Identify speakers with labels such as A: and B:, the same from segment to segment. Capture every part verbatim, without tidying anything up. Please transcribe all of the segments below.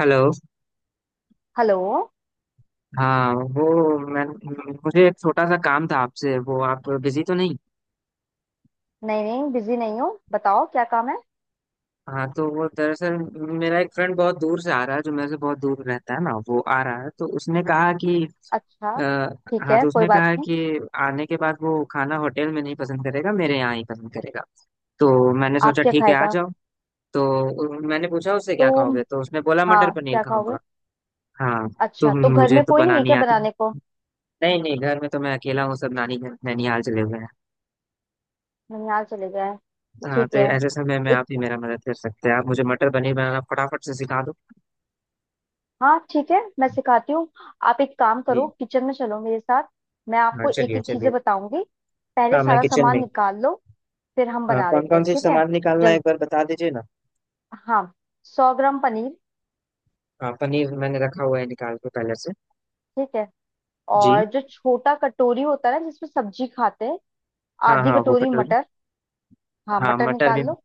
A: Hello.
B: Hello.
A: हाँ, वो मैं मुझे एक छोटा सा काम था आपसे। वो आप बिजी तो नहीं?
B: नहीं नहीं, बिजी नहीं हूँ, बताओ क्या काम है।
A: हाँ, तो वो दरअसल मेरा एक फ्रेंड बहुत दूर से आ रहा है, जो मेरे से बहुत दूर रहता है ना। वो आ रहा है तो उसने कहा कि अ,
B: अच्छा, ठीक
A: हाँ,
B: है,
A: तो
B: कोई
A: उसने
B: बात
A: कहा
B: नहीं।
A: कि आने के बाद वो खाना होटल में नहीं पसंद करेगा, मेरे यहाँ ही पसंद करेगा। तो मैंने
B: आप
A: सोचा
B: क्या
A: ठीक है, आ
B: खाएगा।
A: जाओ। तो उ- मैंने पूछा उससे
B: तो
A: क्या खाओगे, तो उसने बोला मटर
B: हाँ,
A: पनीर
B: क्या खाओगे।
A: खाऊंगा। हाँ। तो
B: अच्छा, तो घर
A: मुझे
B: में
A: तो
B: कोई नहीं है
A: बनानी
B: क्या
A: आती
B: बनाने को।
A: नहीं नहीं नहीं, घर में तो मैं अकेला हूँ, सब नानी घर नैनिहाल चले हुए हैं।
B: ननिहाल चले गए।
A: हाँ,
B: ठीक
A: तो
B: है।
A: ऐसे समय में
B: एक
A: आप ही मेरा मदद कर सकते हैं। आप मुझे मटर पनीर बनाना फटाफट से सिखा दो।
B: हाँ ठीक है, मैं सिखाती हूँ। आप एक काम करो,
A: जी।
B: किचन में चलो मेरे साथ। मैं
A: हाँ,
B: आपको एक
A: चलिए
B: एक
A: चलिए।
B: चीजें बताऊंगी। पहले
A: हाँ, मैं
B: सारा
A: किचन
B: सामान
A: में।
B: निकाल लो, फिर हम
A: हाँ,
B: बना
A: कौन
B: लेते
A: कौन
B: हैं,
A: से
B: ठीक है।
A: सामान निकालना है
B: जल
A: एक बार बता दीजिए ना।
B: हाँ, सौ ग्राम पनीर।
A: हाँ, पनीर मैंने रखा हुआ है निकाल के पहले से।
B: ठीक है।
A: जी।
B: और जो छोटा कटोरी होता है ना, जिसमें सब्जी खाते हैं,
A: हाँ
B: आधी
A: हाँ, वो
B: कटोरी
A: कटोरी।
B: मटर। हाँ
A: हाँ,
B: मटर
A: मटर भी।
B: निकाल लो।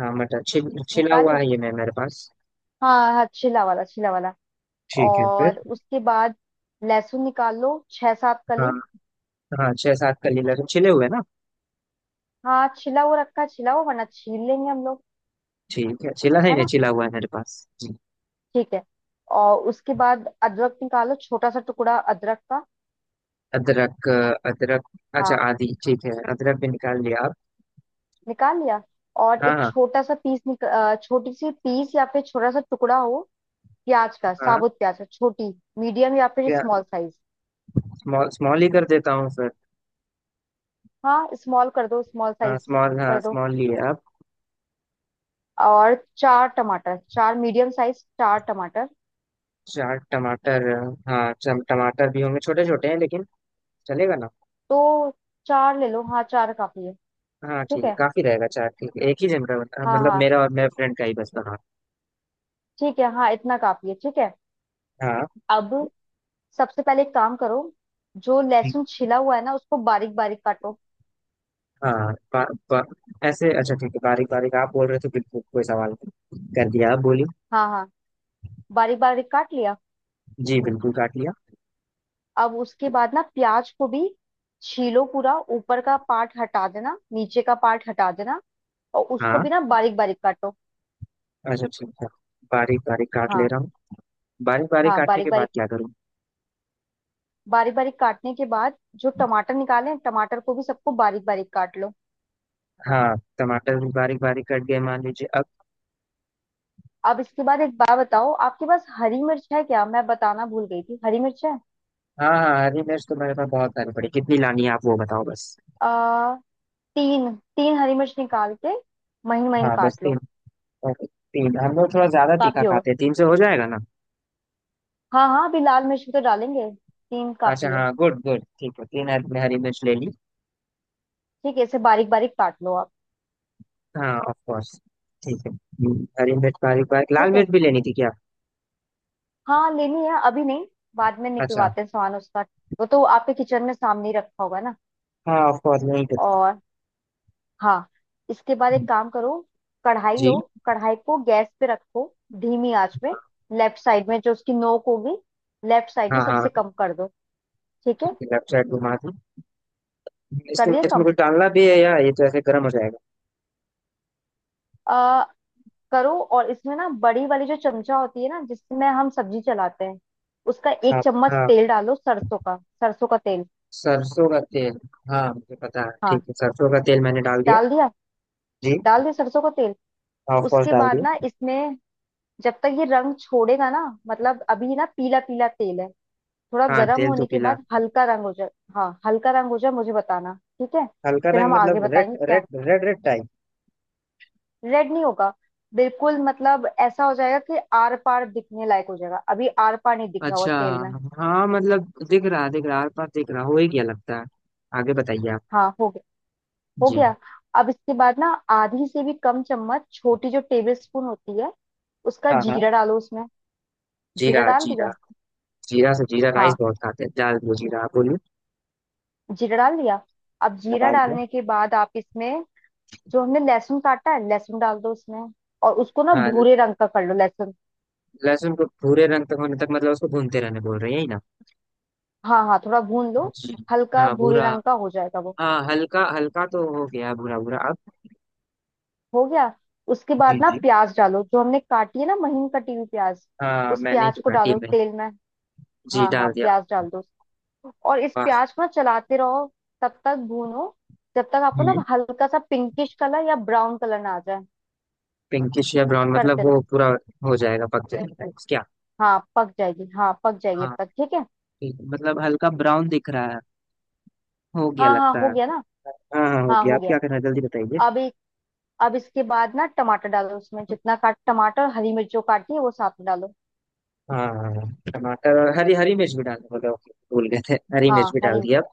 A: हाँ, मटर छिल छिला
B: निकाल
A: हुआ
B: लिया।
A: है ये मैं मेरे पास।
B: हाँ हाँ, छिला वाला छिला वाला।
A: ठीक है, फिर?
B: और उसके बाद लहसुन निकाल लो, छह सात
A: हाँ
B: कली।
A: हाँ, छह सात कली लहसुन छिले हुए ना?
B: हाँ छिला वो रखा है छिला हुआ, वरना छील लेंगे हम लोग।
A: ठीक है, छिला नहीं
B: है
A: नहीं,
B: ना।
A: छिला हुआ है मेरे पास जी।
B: ठीक है। और उसके बाद अदरक निकालो, छोटा सा टुकड़ा अदरक का।
A: अदरक अ, अदरक। अच्छा
B: हाँ
A: आदि ठीक है, अदरक भी निकाल लिया आप?
B: निकाल लिया। और
A: हाँ
B: एक
A: हाँ
B: छोटा सा पीस निक अ, छोटी सी पीस या फिर छोटा सा टुकड़ा हो, प्याज का,
A: हाँ।
B: साबुत प्याज का, छोटी मीडियम या फिर
A: क्या?
B: Small size.
A: स्मॉल स्मॉल ही कर देता हूँ फिर।
B: हाँ स्मॉल कर दो, स्मॉल
A: हाँ
B: साइज
A: स्मॉल, हाँ
B: कर दो।
A: स्मॉल ही है अब।
B: और चार टमाटर, चार मीडियम साइज चार टमाटर।
A: चार टमाटर। हाँ, चम टमाटर भी होंगे, छोटे छोटे हैं लेकिन। चलेगा ना?
B: तो चार ले लो, हाँ चार काफी है।
A: हाँ ठीक
B: ठीक
A: है,
B: है।
A: काफी रहेगा चार। ठीक है, एक ही जन का बना-
B: हाँ
A: मतलब
B: हाँ
A: मेरा और मेरे फ्रेंड का ही बस बना।
B: ठीक है, हाँ इतना काफी है ठीक है।
A: हाँ।
B: अब सबसे पहले एक काम करो, जो
A: ठीक।
B: लहसुन छिला हुआ है ना, उसको बारीक बारीक काटो।
A: हाँ बा, बा, ऐसे। अच्छा ठीक है बारीक बारीक आप बोल रहे थे, बिल्कुल कोई सवाल नहीं कर दिया आप बोली।
B: हाँ हाँ, बारीक बारीक काट लिया।
A: जी बिल्कुल काट लिया।
B: अब उसके बाद ना प्याज को भी छीलो, पूरा ऊपर का पार्ट हटा देना, नीचे का पार्ट हटा देना, और उसको भी
A: हाँ।
B: ना बारीक बारीक काटो।
A: अच्छा ठीक है। बारीक बारीक काट ले
B: हाँ
A: रहा हूँ। बारीक बारीक
B: हाँ,
A: काटने
B: बारीक
A: के बाद
B: बारीक।
A: क्या करूँ?
B: बारीक बारीक काटने के बाद जो टमाटर निकाले हैं, टमाटर को भी सबको बारीक बारीक काट लो।
A: हाँ, टमाटर भी बारीक बारीक कट गए मान लीजिए अब।
B: अब इसके बाद एक बात बताओ, आपके पास हरी मिर्च है क्या? मैं बताना भूल गई थी, हरी मिर्च है।
A: हाँ हाँ, हरी मिर्च तो मेरे पास बहुत सारी पड़ी। कितनी लानी है आप वो बताओ बस।
B: आ, तीन तीन हरी मिर्च निकाल के महीन महीन
A: हाँ बस
B: काट
A: तीन?
B: लो।
A: और तीन, हम लोग थोड़ा ज्यादा तीखा
B: काफी होगा।
A: खाते हैं, तीन से हो जाएगा ना?
B: हाँ हाँ, अभी लाल मिर्च भी तो डालेंगे, तीन
A: अच्छा
B: काफी है।
A: हाँ, गुड गुड ठीक है, तीन हरी, हरी मिर्च ले ली।
B: ठीक है, इसे बारीक बारीक काट लो आप।
A: हाँ ऑफ कोर्स। ठीक है। हम्म, हरी मिर्च बारीक बारीक, लाल
B: ठीक है,
A: मिर्च भी लेनी थी क्या?
B: हाँ लेनी है, अभी नहीं, बाद में
A: अच्छा।
B: निकलवाते हैं सामान उसका। वो तो आपके किचन में सामने ही रखा होगा ना।
A: हाँ ऑफ कोर्स नहीं पता।
B: और हाँ, इसके बाद एक काम करो, कढ़ाई लो।
A: जी।
B: कढ़ाई को गैस पे रखो, धीमी आंच में। लेफ्ट साइड में जो उसकी नोक होगी, लेफ्ट साइड में
A: हाँ हाँ।
B: सबसे कम कर दो, ठीक है।
A: ठीक है लेफ्ट साइड घुमा दूँ?
B: कर
A: इसमें
B: दिया
A: इसमें
B: कम।
A: कुछ डालना भी है या ये तो ऐसे गर्म हो जाएगा?
B: आ, करो। और इसमें ना बड़ी वाली जो चमचा होती है ना, जिसमें हम सब्जी चलाते हैं, उसका एक
A: हाँ
B: चम्मच
A: हाँ।
B: तेल डालो सरसों का। सरसों का तेल।
A: सरसों का तेल। हाँ मुझे पता है,
B: हाँ
A: ठीक है, सरसों का तेल मैंने डाल दिया।
B: डाल दिया।
A: जी।
B: डाल दिया सरसों का तेल।
A: ऑफ कोर्स
B: उसके
A: डाल
B: बाद
A: दिया।
B: ना इसमें, जब तक ये रंग छोड़ेगा ना, मतलब अभी ना पीला पीला तेल है, थोड़ा
A: हाँ
B: गर्म
A: तेल तो
B: होने के
A: पीला।
B: बाद हल्का रंग हो जाए। हाँ हल्का रंग हो जाए, मुझे बताना ठीक है।
A: हल्का
B: फिर
A: रंग
B: हम आगे
A: मतलब
B: बताएंगे
A: रेड
B: क्या।
A: Red red red type?
B: Red नहीं होगा। बिल्कुल, मतलब ऐसा हो जाएगा कि आर पार दिखने लायक हो जाएगा, अभी आर पार नहीं दिख रहा होगा
A: अच्छा।
B: तेल में।
A: हाँ मतलब दिख रहा, दिख रहा, आर पार दिख रहा हो ही क्या लगता है? आगे बताइए आप।
B: हाँ हो गया हो
A: जी।
B: गया। अब इसके बाद ना आधी से भी कम चम्मच, छोटी जो टेबल स्पून होती है, उसका
A: हाँ हाँ।
B: जीरा डालो उसमें। जीरा
A: जीरा
B: डाल
A: जीरा।
B: दिया।
A: जीरा से जीरा राइस
B: हाँ
A: बहुत खाते हैं, डाल दो जीरा, आप बोलिए।
B: जीरा डाल दिया। अब
A: मैं
B: जीरा
A: डाल दिया।
B: डालने के बाद आप इसमें, जो हमने लहसुन काटा है, लहसुन डाल दो उसमें, और उसको ना
A: हाँ,
B: भूरे रंग का कर लो लहसुन।
A: लहसुन को भूरे रंग तक होने तक मतलब उसको भूनते रहने बोल रहे हैं, यही ना?
B: हाँ हाँ, थोड़ा भून लो।
A: जी।
B: हल्का
A: हाँ
B: भूरे
A: भूरा।
B: रंग का हो जाएगा वो।
A: हाँ हल्का हल्का तो हो गया, भूरा भूरा अब।
B: हो गया। उसके
A: जी
B: बाद ना
A: जी।
B: प्याज डालो, जो हमने काटी है ना महीन कटी हुई प्याज,
A: हाँ,
B: उस
A: मैंने ही
B: प्याज
A: तो
B: को
A: काटी है
B: डालो
A: मैंने।
B: तेल में।
A: जी
B: हाँ हाँ,
A: डाल दिया।
B: प्याज डाल दो। और इस प्याज को ना चलाते रहो, तब तक भूनो, जब तक आपको ना
A: वाह।
B: हल्का सा पिंकिश कलर या ब्राउन कलर ना आ जाए।
A: पिंकिश या ब्राउन मतलब
B: करते रहो।
A: वो पूरा हो जाएगा? पक जाएगा क्या?
B: हाँ पक जाएगी, हाँ पक जाएगी
A: हाँ।
B: तब तक, ठीक है।
A: ठीक, मतलब हल्का ब्राउन दिख रहा है, हो गया
B: हाँ हाँ,
A: लगता
B: हो
A: है।
B: गया ना।
A: हाँ हाँ, हो
B: हाँ
A: गया।
B: हो
A: आप
B: गया।
A: क्या करना है जल्दी बताइए।
B: अब एक अब इसके बाद ना टमाटर डालो उसमें, जितना काट टमाटर हरी मिर्च जो काटी है वो साथ में डालो।
A: हाँ हाँ, हाँ। टमाटर और हरी हरी मिर्च भी डालना बोले? ओके, भूल गए थे, हरी
B: हाँ
A: मिर्च भी डाल
B: हरी
A: दी अब।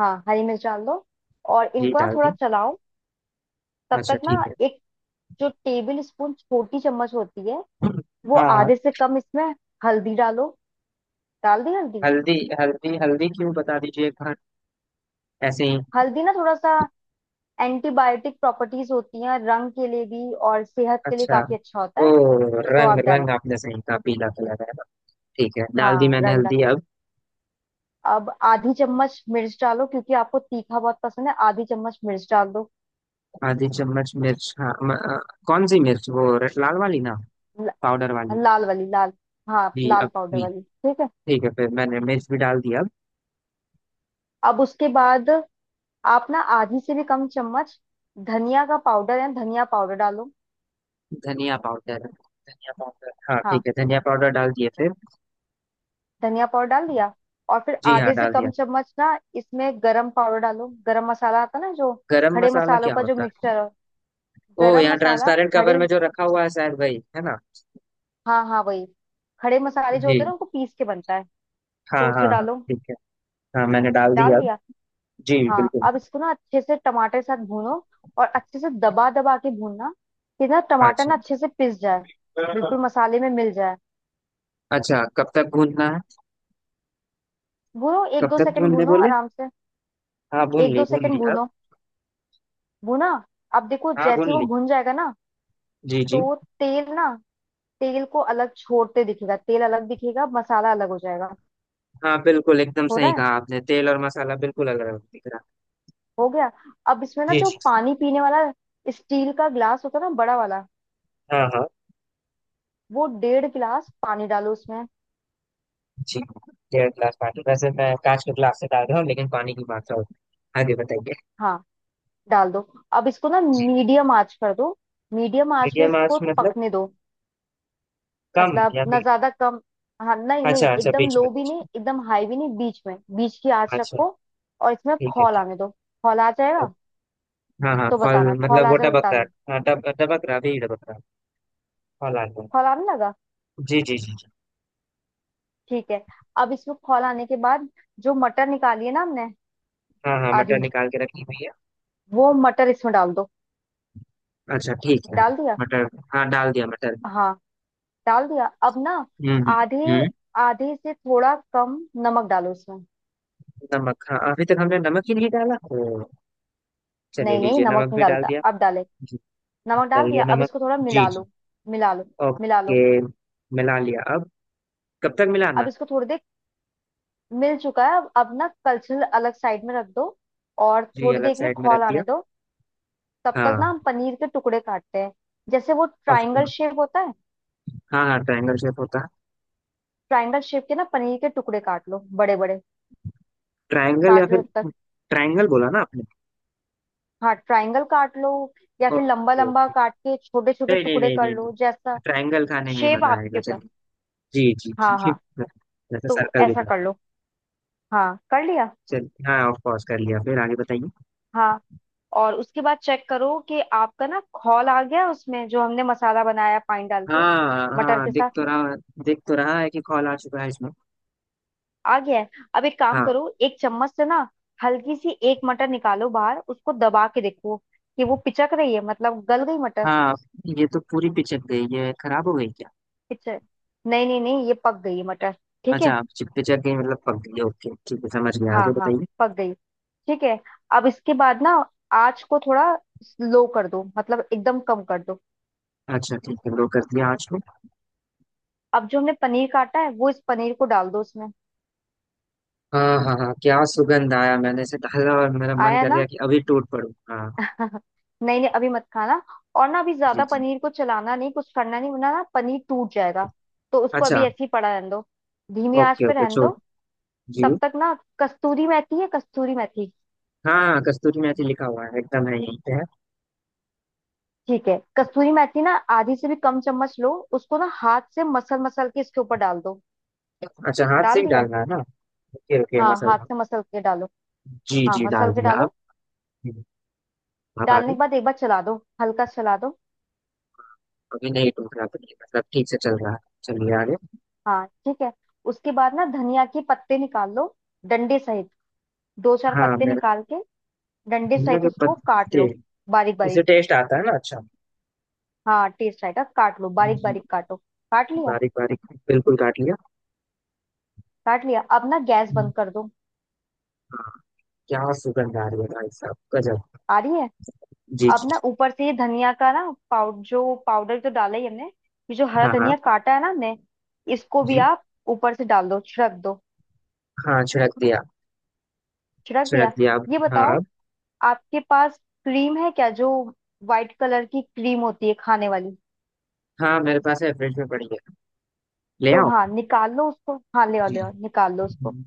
B: हाँ हरी मिर्च डाल दो, और
A: जी
B: इनको ना
A: डाल
B: थोड़ा
A: दी।
B: चलाओ। तब
A: अच्छा
B: तक ना,
A: ठीक है।
B: एक जो टेबल स्पून छोटी चम्मच होती है, वो
A: हाँ हाँ।
B: आधे से कम इसमें हल्दी डालो। डाल दी हल्दी।
A: हल्दी, हल्दी। हल्दी क्यों बता दीजिए एक बार? ऐसे ही?
B: हल्दी ना थोड़ा सा एंटीबायोटिक प्रॉपर्टीज होती हैं, रंग के लिए भी और सेहत के लिए
A: अच्छा।
B: काफी अच्छा होता
A: ओ,
B: है, तो
A: रंग,
B: आप डालो।
A: रंग आपने सही कहा, पीला कलर है। ठीक है, डाल दी
B: हाँ
A: मैंने
B: रंग डाल।
A: हल्दी अब।
B: अब आधी चम्मच मिर्च डालो, क्योंकि आपको तीखा बहुत पसंद है, आधी चम्मच मिर्च डाल दो।
A: आधी चम्मच मिर्च? हाँ म, अ, कौन सी मिर्च, वो रे- लाल वाली ना?
B: ल-
A: पाउडर वाली?
B: लाल वाली, लाल। हाँ
A: जी
B: लाल
A: अब
B: पाउडर
A: भी।
B: वाली, ठीक है।
A: ठीक है, फिर मैंने मिर्च भी डाल दिया अब।
B: अब उसके बाद आप ना आधी से भी कम चम्मच धनिया का पाउडर या धनिया पाउडर डालो।
A: धनिया पाउडर, धनिया पाउडर? हाँ
B: हाँ
A: ठीक है, धनिया पाउडर डाल दिए फिर।
B: धनिया पाउडर डाल दिया। और फिर
A: जी हाँ
B: आधे से
A: डाल दिया।
B: कम चम्मच ना इसमें गरम पाउडर डालो, गरम मसाला आता ना जो,
A: गरम
B: खड़े
A: मसाला
B: मसालों
A: क्या
B: का जो
A: होता है?
B: मिक्सचर हो,
A: ओ,
B: गरम
A: यहाँ
B: मसाला
A: ट्रांसपेरेंट कवर
B: खड़े।
A: में जो रखा हुआ है शायद वही है ना?
B: हाँ हाँ वही, खड़े मसाले जो
A: जी
B: होते हैं ना, उनको पीस के बनता है,
A: हाँ
B: तो
A: हाँ
B: उसे
A: हाँ
B: डालो।
A: ठीक है। हाँ मैंने डाल
B: डाल
A: दिया अब।
B: दिया।
A: जी
B: हाँ
A: बिल्कुल।
B: अब इसको ना अच्छे से टमाटर के साथ भूनो, और अच्छे से दबा दबा के भूनना, कि ना
A: हाँ,
B: टमाटर
A: अच्छा।
B: ना अच्छे से पिस जाए, बिल्कुल मसाले में मिल जाए।
A: अच्छा कब तक भूनना है?
B: भूनो एक
A: कब
B: दो
A: तक
B: सेकंड,
A: भूनने
B: भूनो
A: बोले?
B: आराम से।
A: हाँ भून
B: एक
A: ली
B: दो
A: भून ली
B: सेकंड
A: अब।
B: भूनो, भूना। अब देखो
A: हाँ भून
B: जैसे वो
A: ली।
B: भुन जाएगा ना,
A: जी जी।
B: तो तेल ना, तेल को अलग छोड़ते दिखेगा, तेल अलग दिखेगा मसाला अलग हो जाएगा।
A: हाँ बिल्कुल, एकदम
B: हो रहा
A: सही
B: है।
A: कहा आपने, तेल और मसाला बिल्कुल अलग अलग दिख रहा
B: हो गया। अब इसमें ना
A: है।
B: जो
A: जी जी।
B: पानी पीने वाला स्टील का ग्लास होता है ना, बड़ा वाला,
A: हाँ हाँ।
B: वो डेढ़ गिलास पानी डालो उसमें।
A: जी। डेढ़ गिलास पानी, वैसे मैं कांच के गिलास से डाल रहा हूँ, लेकिन पानी की मात्रा होती है। आगे बताइए।
B: हाँ डाल दो। अब इसको ना
A: जी।
B: मीडियम आंच कर दो, मीडियम आंच में
A: मीडियम आंच
B: इसको
A: मतलब
B: पकने दो,
A: कम
B: मतलब
A: या
B: ना
A: मी-
B: ज्यादा कम। हाँ नहीं नहीं,
A: अच्छा अच्छा,
B: एकदम
A: बीच में।
B: लो भी नहीं, एकदम हाई भी नहीं, बीच में, बीच की आंच
A: अच्छा।
B: रखो। और इसमें आप
A: ठीक है।
B: खौल आने
A: ठीक
B: दो। खौल आ जाएगा
A: है। हाँ हाँ,
B: तो
A: फल
B: बताना, खौल
A: मतलब
B: आ
A: वो
B: जाएगा तो
A: टपक रहा
B: बताना।
A: है। हाँ टप टपक रहा, भी टपक रहा। फल आ गया।
B: खौल आने लगा,
A: जी जी जी जी।
B: ठीक है। अब इसमें खौल आने के बाद जो मटर निकाली है ना हमने,
A: हाँ हाँ,
B: आधी
A: मटर निकाल के रखी हुई है।
B: वो मटर इसमें डाल दो।
A: अच्छा ठीक है।
B: डाल दिया।
A: मटर। हाँ डाल दिया मटर।
B: हाँ डाल दिया। अब ना
A: हम्म हम्म
B: आधे
A: हम्म।
B: आधे से थोड़ा कम नमक डालो इसमें।
A: नमक? हाँ अभी तक हमने नमक ही नहीं डाला। ओ चलिए,
B: नहीं नहीं,
A: लीजिए
B: नमक
A: नमक
B: नहीं
A: भी डाल
B: डालता,
A: दिया।
B: अब डाले।
A: जी।
B: नमक डाल
A: डाल
B: दिया।
A: दिया
B: अब
A: नमक।
B: इसको थोड़ा
A: जी
B: मिला
A: जी।
B: लो। मिला लो, मिला
A: ओके।
B: लो।
A: मिला लिया अब। कब तक
B: अब
A: मिलाना?
B: इसको थोड़ी देर, मिल चुका है अब अब ना कलछल अलग साइड में रख दो, और
A: जी
B: थोड़ी
A: अलग
B: देर के लिए
A: साइड में रख
B: खौल
A: दिया।
B: आने दो। तब तक ना
A: हाँ
B: हम पनीर के टुकड़े काटते हैं, जैसे वो
A: ऑफ
B: ट्रायंगल
A: कोर्स।
B: शेप होता है।
A: हाँ हाँ, ट्रायंगल शेप होता है।
B: ट्रायंगल शेप के ना पनीर के टुकड़े काट लो, बड़े बड़े
A: ट्रायंगल या
B: काट लो।
A: फिर?
B: जब तक,
A: ट्रायंगल बोला ना आपने?
B: हाँ ट्रायंगल काट लो, या फिर लंबा
A: ओके
B: लंबा
A: ओके।
B: काट के छोटे छोटे
A: नहीं नहीं
B: टुकड़े
A: नहीं
B: कर
A: नहीं
B: लो, जैसा
A: नहीं, ट्रायंगल खाने में
B: शेप
A: मजा
B: आपके
A: आएगा,
B: ऊपर।
A: चलिए। जी जी।
B: हाँ
A: जी।
B: हाँ,
A: जैसे
B: तो
A: सर्कल भी
B: ऐसा कर
A: करते हैं।
B: लो। हाँ कर लिया।
A: चलिए हाँ ऑफ कोर्स कर लिया, फिर आगे बताइए।
B: हाँ और उसके बाद चेक करो कि आपका ना खौल आ गया उसमें, जो हमने मसाला बनाया पानी डाल के
A: हाँ
B: मटर
A: हाँ
B: के
A: दिख
B: साथ।
A: तो रहा, दिख तो रहा है कि कॉल आ चुका है इसमें।
B: आ गया है। अब एक काम
A: हाँ
B: करो, एक चम्मच से ना हल्की सी एक मटर निकालो बाहर, उसको दबा के देखो कि वो पिचक रही है, मतलब गल गई मटर।
A: हाँ। ये तो पूरी पिचक गई, ये खराब हो गई क्या?
B: पिचक नहीं नहीं नहीं, ये पक गई है मटर, ठीक
A: अच्छा,
B: है।
A: पिचक गई मतलब पक गई, ओके ठीक है, समझ गया,
B: हाँ
A: आगे
B: हाँ
A: बताइए।
B: पक गई, ठीक है। अब इसके बाद ना आँच को थोड़ा लो कर दो, मतलब एकदम कम कर दो।
A: अच्छा ठीक है, ब्रो कर दिया आज को।
B: अब जो हमने पनीर काटा है, वो इस पनीर को डाल दो उसमें।
A: हाँ हाँ हाँ, क्या सुगंध आया! मैंने इसे डाला और मेरा मन
B: आया
A: कर गया
B: ना।
A: कि अभी टूट पड़ूं। हाँ।
B: नहीं नहीं, अभी मत खाना, और ना अभी
A: जी
B: ज्यादा
A: जी।
B: पनीर को चलाना नहीं, कुछ करना नहीं, वरना ना पनीर टूट जाएगा। तो उसको
A: अच्छा।
B: अभी ऐसे ही पड़ा रहने दो, धीमी आंच
A: ओके
B: पे
A: ओके
B: रहने
A: छोड़।
B: दो।
A: जी।
B: तब तक ना, कस्तूरी मेथी है, कस्तूरी मेथी।
A: हाँ हाँ, कस्तूरी मेथी लिखा हुआ है एकदम, है यहीं पे है।
B: ठीक है, कस्तूरी मेथी ना आधी से भी कम चम्मच लो, उसको ना हाथ से मसल मसल के इसके ऊपर डाल दो।
A: अच्छा हाथ से
B: डाल
A: ही
B: दिया।
A: डालना है ना? ओके ओके
B: हाँ
A: मसल।
B: हाथ से मसल के डालो।
A: जी
B: हाँ
A: जी
B: मसल
A: डाल
B: के
A: दिया अब।
B: डालो।
A: हम्म, अब
B: डालने के
A: आगे?
B: बाद एक बार चला दो, हल्का चला दो।
A: अभी नहीं टूट रहा पनीर, मतलब ठीक से चल रहा है। चलिए आगे।
B: हाँ ठीक है। उसके बाद ना धनिया के पत्ते निकाल लो, डंडे सहित दो चार
A: हाँ
B: पत्ते
A: मेरे।
B: निकाल के, डंडे
A: धनिया
B: सहित
A: के
B: उसको काट
A: पत्ते?
B: लो बारीक
A: इसे
B: बारीक।
A: टेस्ट आता है ना, अच्छा।
B: हाँ टेस्ट आएगा, काट लो, बारीक
A: जी।
B: बारीक काटो। काट लिया।
A: बारीक बारीक। बिल्कुल काट लिया।
B: काट लिया अब ना गैस
A: हम्म,
B: बंद कर दो।
A: हाँ, क्या सुगंध आ रही है भाई साहब, गजब।
B: आ रही है।
A: जी
B: अब
A: जी।
B: ना ऊपर से ये धनिया का ना पाउडर, जो पाउडर जो डाला ही हमने, ये जो हरा
A: हाँ हाँ।
B: धनिया काटा है ना हमने, इसको भी
A: जी।
B: आप ऊपर से डाल दो, छिड़क दो।
A: हाँ छिड़क दिया।
B: छिड़क
A: छिड़क
B: दिया।
A: दिया अब।
B: ये
A: हाँ
B: बताओ
A: अब।
B: आपके पास क्रीम है क्या, जो व्हाइट कलर की क्रीम होती है खाने वाली।
A: हाँ मेरे पास है, फ्रिज में पड़ी है। ले
B: तो
A: आओ।
B: हाँ निकाल लो उसको, हाँ ले आओ
A: जी।
B: ले आओ, निकाल लो उसको।
A: हम्म,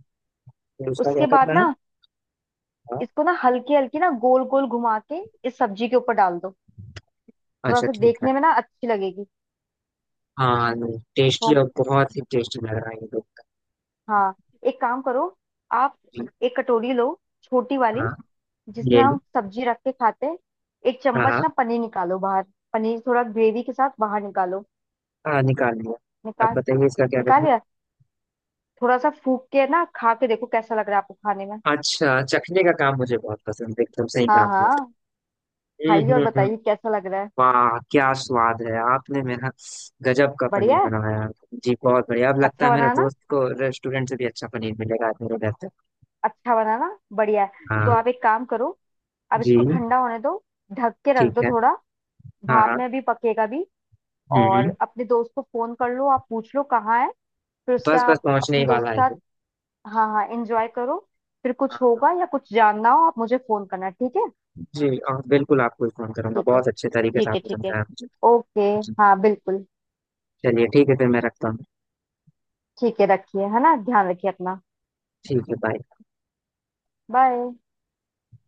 A: फिर उसका क्या
B: उसके
A: करना
B: बाद
A: है?
B: ना
A: हाँ।
B: इसको ना हल्की हल्की ना गोल गोल घुमा के इस सब्जी के ऊपर डाल दो, थोड़ा
A: अच्छा
B: सा
A: ठीक है।
B: देखने में ना अच्छी लगेगी।
A: हाँ टेस्टी,
B: हो
A: और बहुत ही टेस्टी लग रहा है ये देख कर।
B: हाँ, एक काम करो, आप
A: जी।
B: एक कटोरी लो, छोटी वाली,
A: हाँ
B: जिसमें
A: ले ली।
B: हम सब्जी रख के खाते हैं। एक
A: हाँ
B: चम्मच
A: हाँ।
B: ना पनीर निकालो बाहर, पनीर थोड़ा ग्रेवी के साथ बाहर निकालो।
A: हाँ निकाल लिया। अब
B: निकाल
A: बताइए इसका क्या
B: निकाल
A: करना है?
B: लिया। थोड़ा सा फूक के ना खा के देखो, कैसा लग रहा है आपको खाने में।
A: अच्छा, चखने का काम मुझे बहुत पसंद है, एकदम सही
B: हाँ
A: काम किया।
B: हाँ,
A: हम्म
B: खाइए और
A: हम्म हम्म।
B: बताइए कैसा लग रहा है।
A: वाह क्या स्वाद है! आपने मेरा गजब का
B: बढ़िया
A: पनीर
B: है,
A: बनाया। जी बहुत बढ़िया। अब लगता
B: अच्छा
A: है मेरा
B: बनाना,
A: दोस्त को रेस्टोरेंट से भी अच्छा पनीर मिलेगा आज मेरे घर पे।
B: अच्छा बनाना बढ़िया है। तो
A: हाँ।
B: आप एक काम करो, अब
A: जी।
B: इसको ठंडा होने दो, ढक के रख
A: ठीक
B: दो
A: है।
B: थोड़ा,
A: हाँ
B: भाप
A: हाँ।
B: में भी पकेगा भी।
A: हम्म
B: और
A: हम्म।
B: अपने दोस्त को फोन कर लो, आप पूछ लो कहाँ है, फिर उसके
A: बस बस
B: आप
A: पहुंचने ही
B: अपने दोस्त
A: वाला है
B: के
A: ये।
B: साथ। हाँ हाँ एंजॉय करो। फिर
A: हाँ,
B: कुछ
A: हाँ,
B: होगा या कुछ जानना हो आप मुझे फोन करना, ठीक है।
A: जी। और बिल्कुल आपको ही फोन करूंगा,
B: ठीक है,
A: बहुत अच्छे तरीके से
B: ठीक है,
A: आपने
B: ठीक है,
A: समझाया मुझे।
B: ओके,
A: जी।
B: हाँ बिल्कुल।
A: चलिए ठीक है फिर, मैं रखता हूँ।
B: ठीक है, रखिए, है ना, ध्यान रखिए अपना।
A: ठीक है बाय।
B: बाय।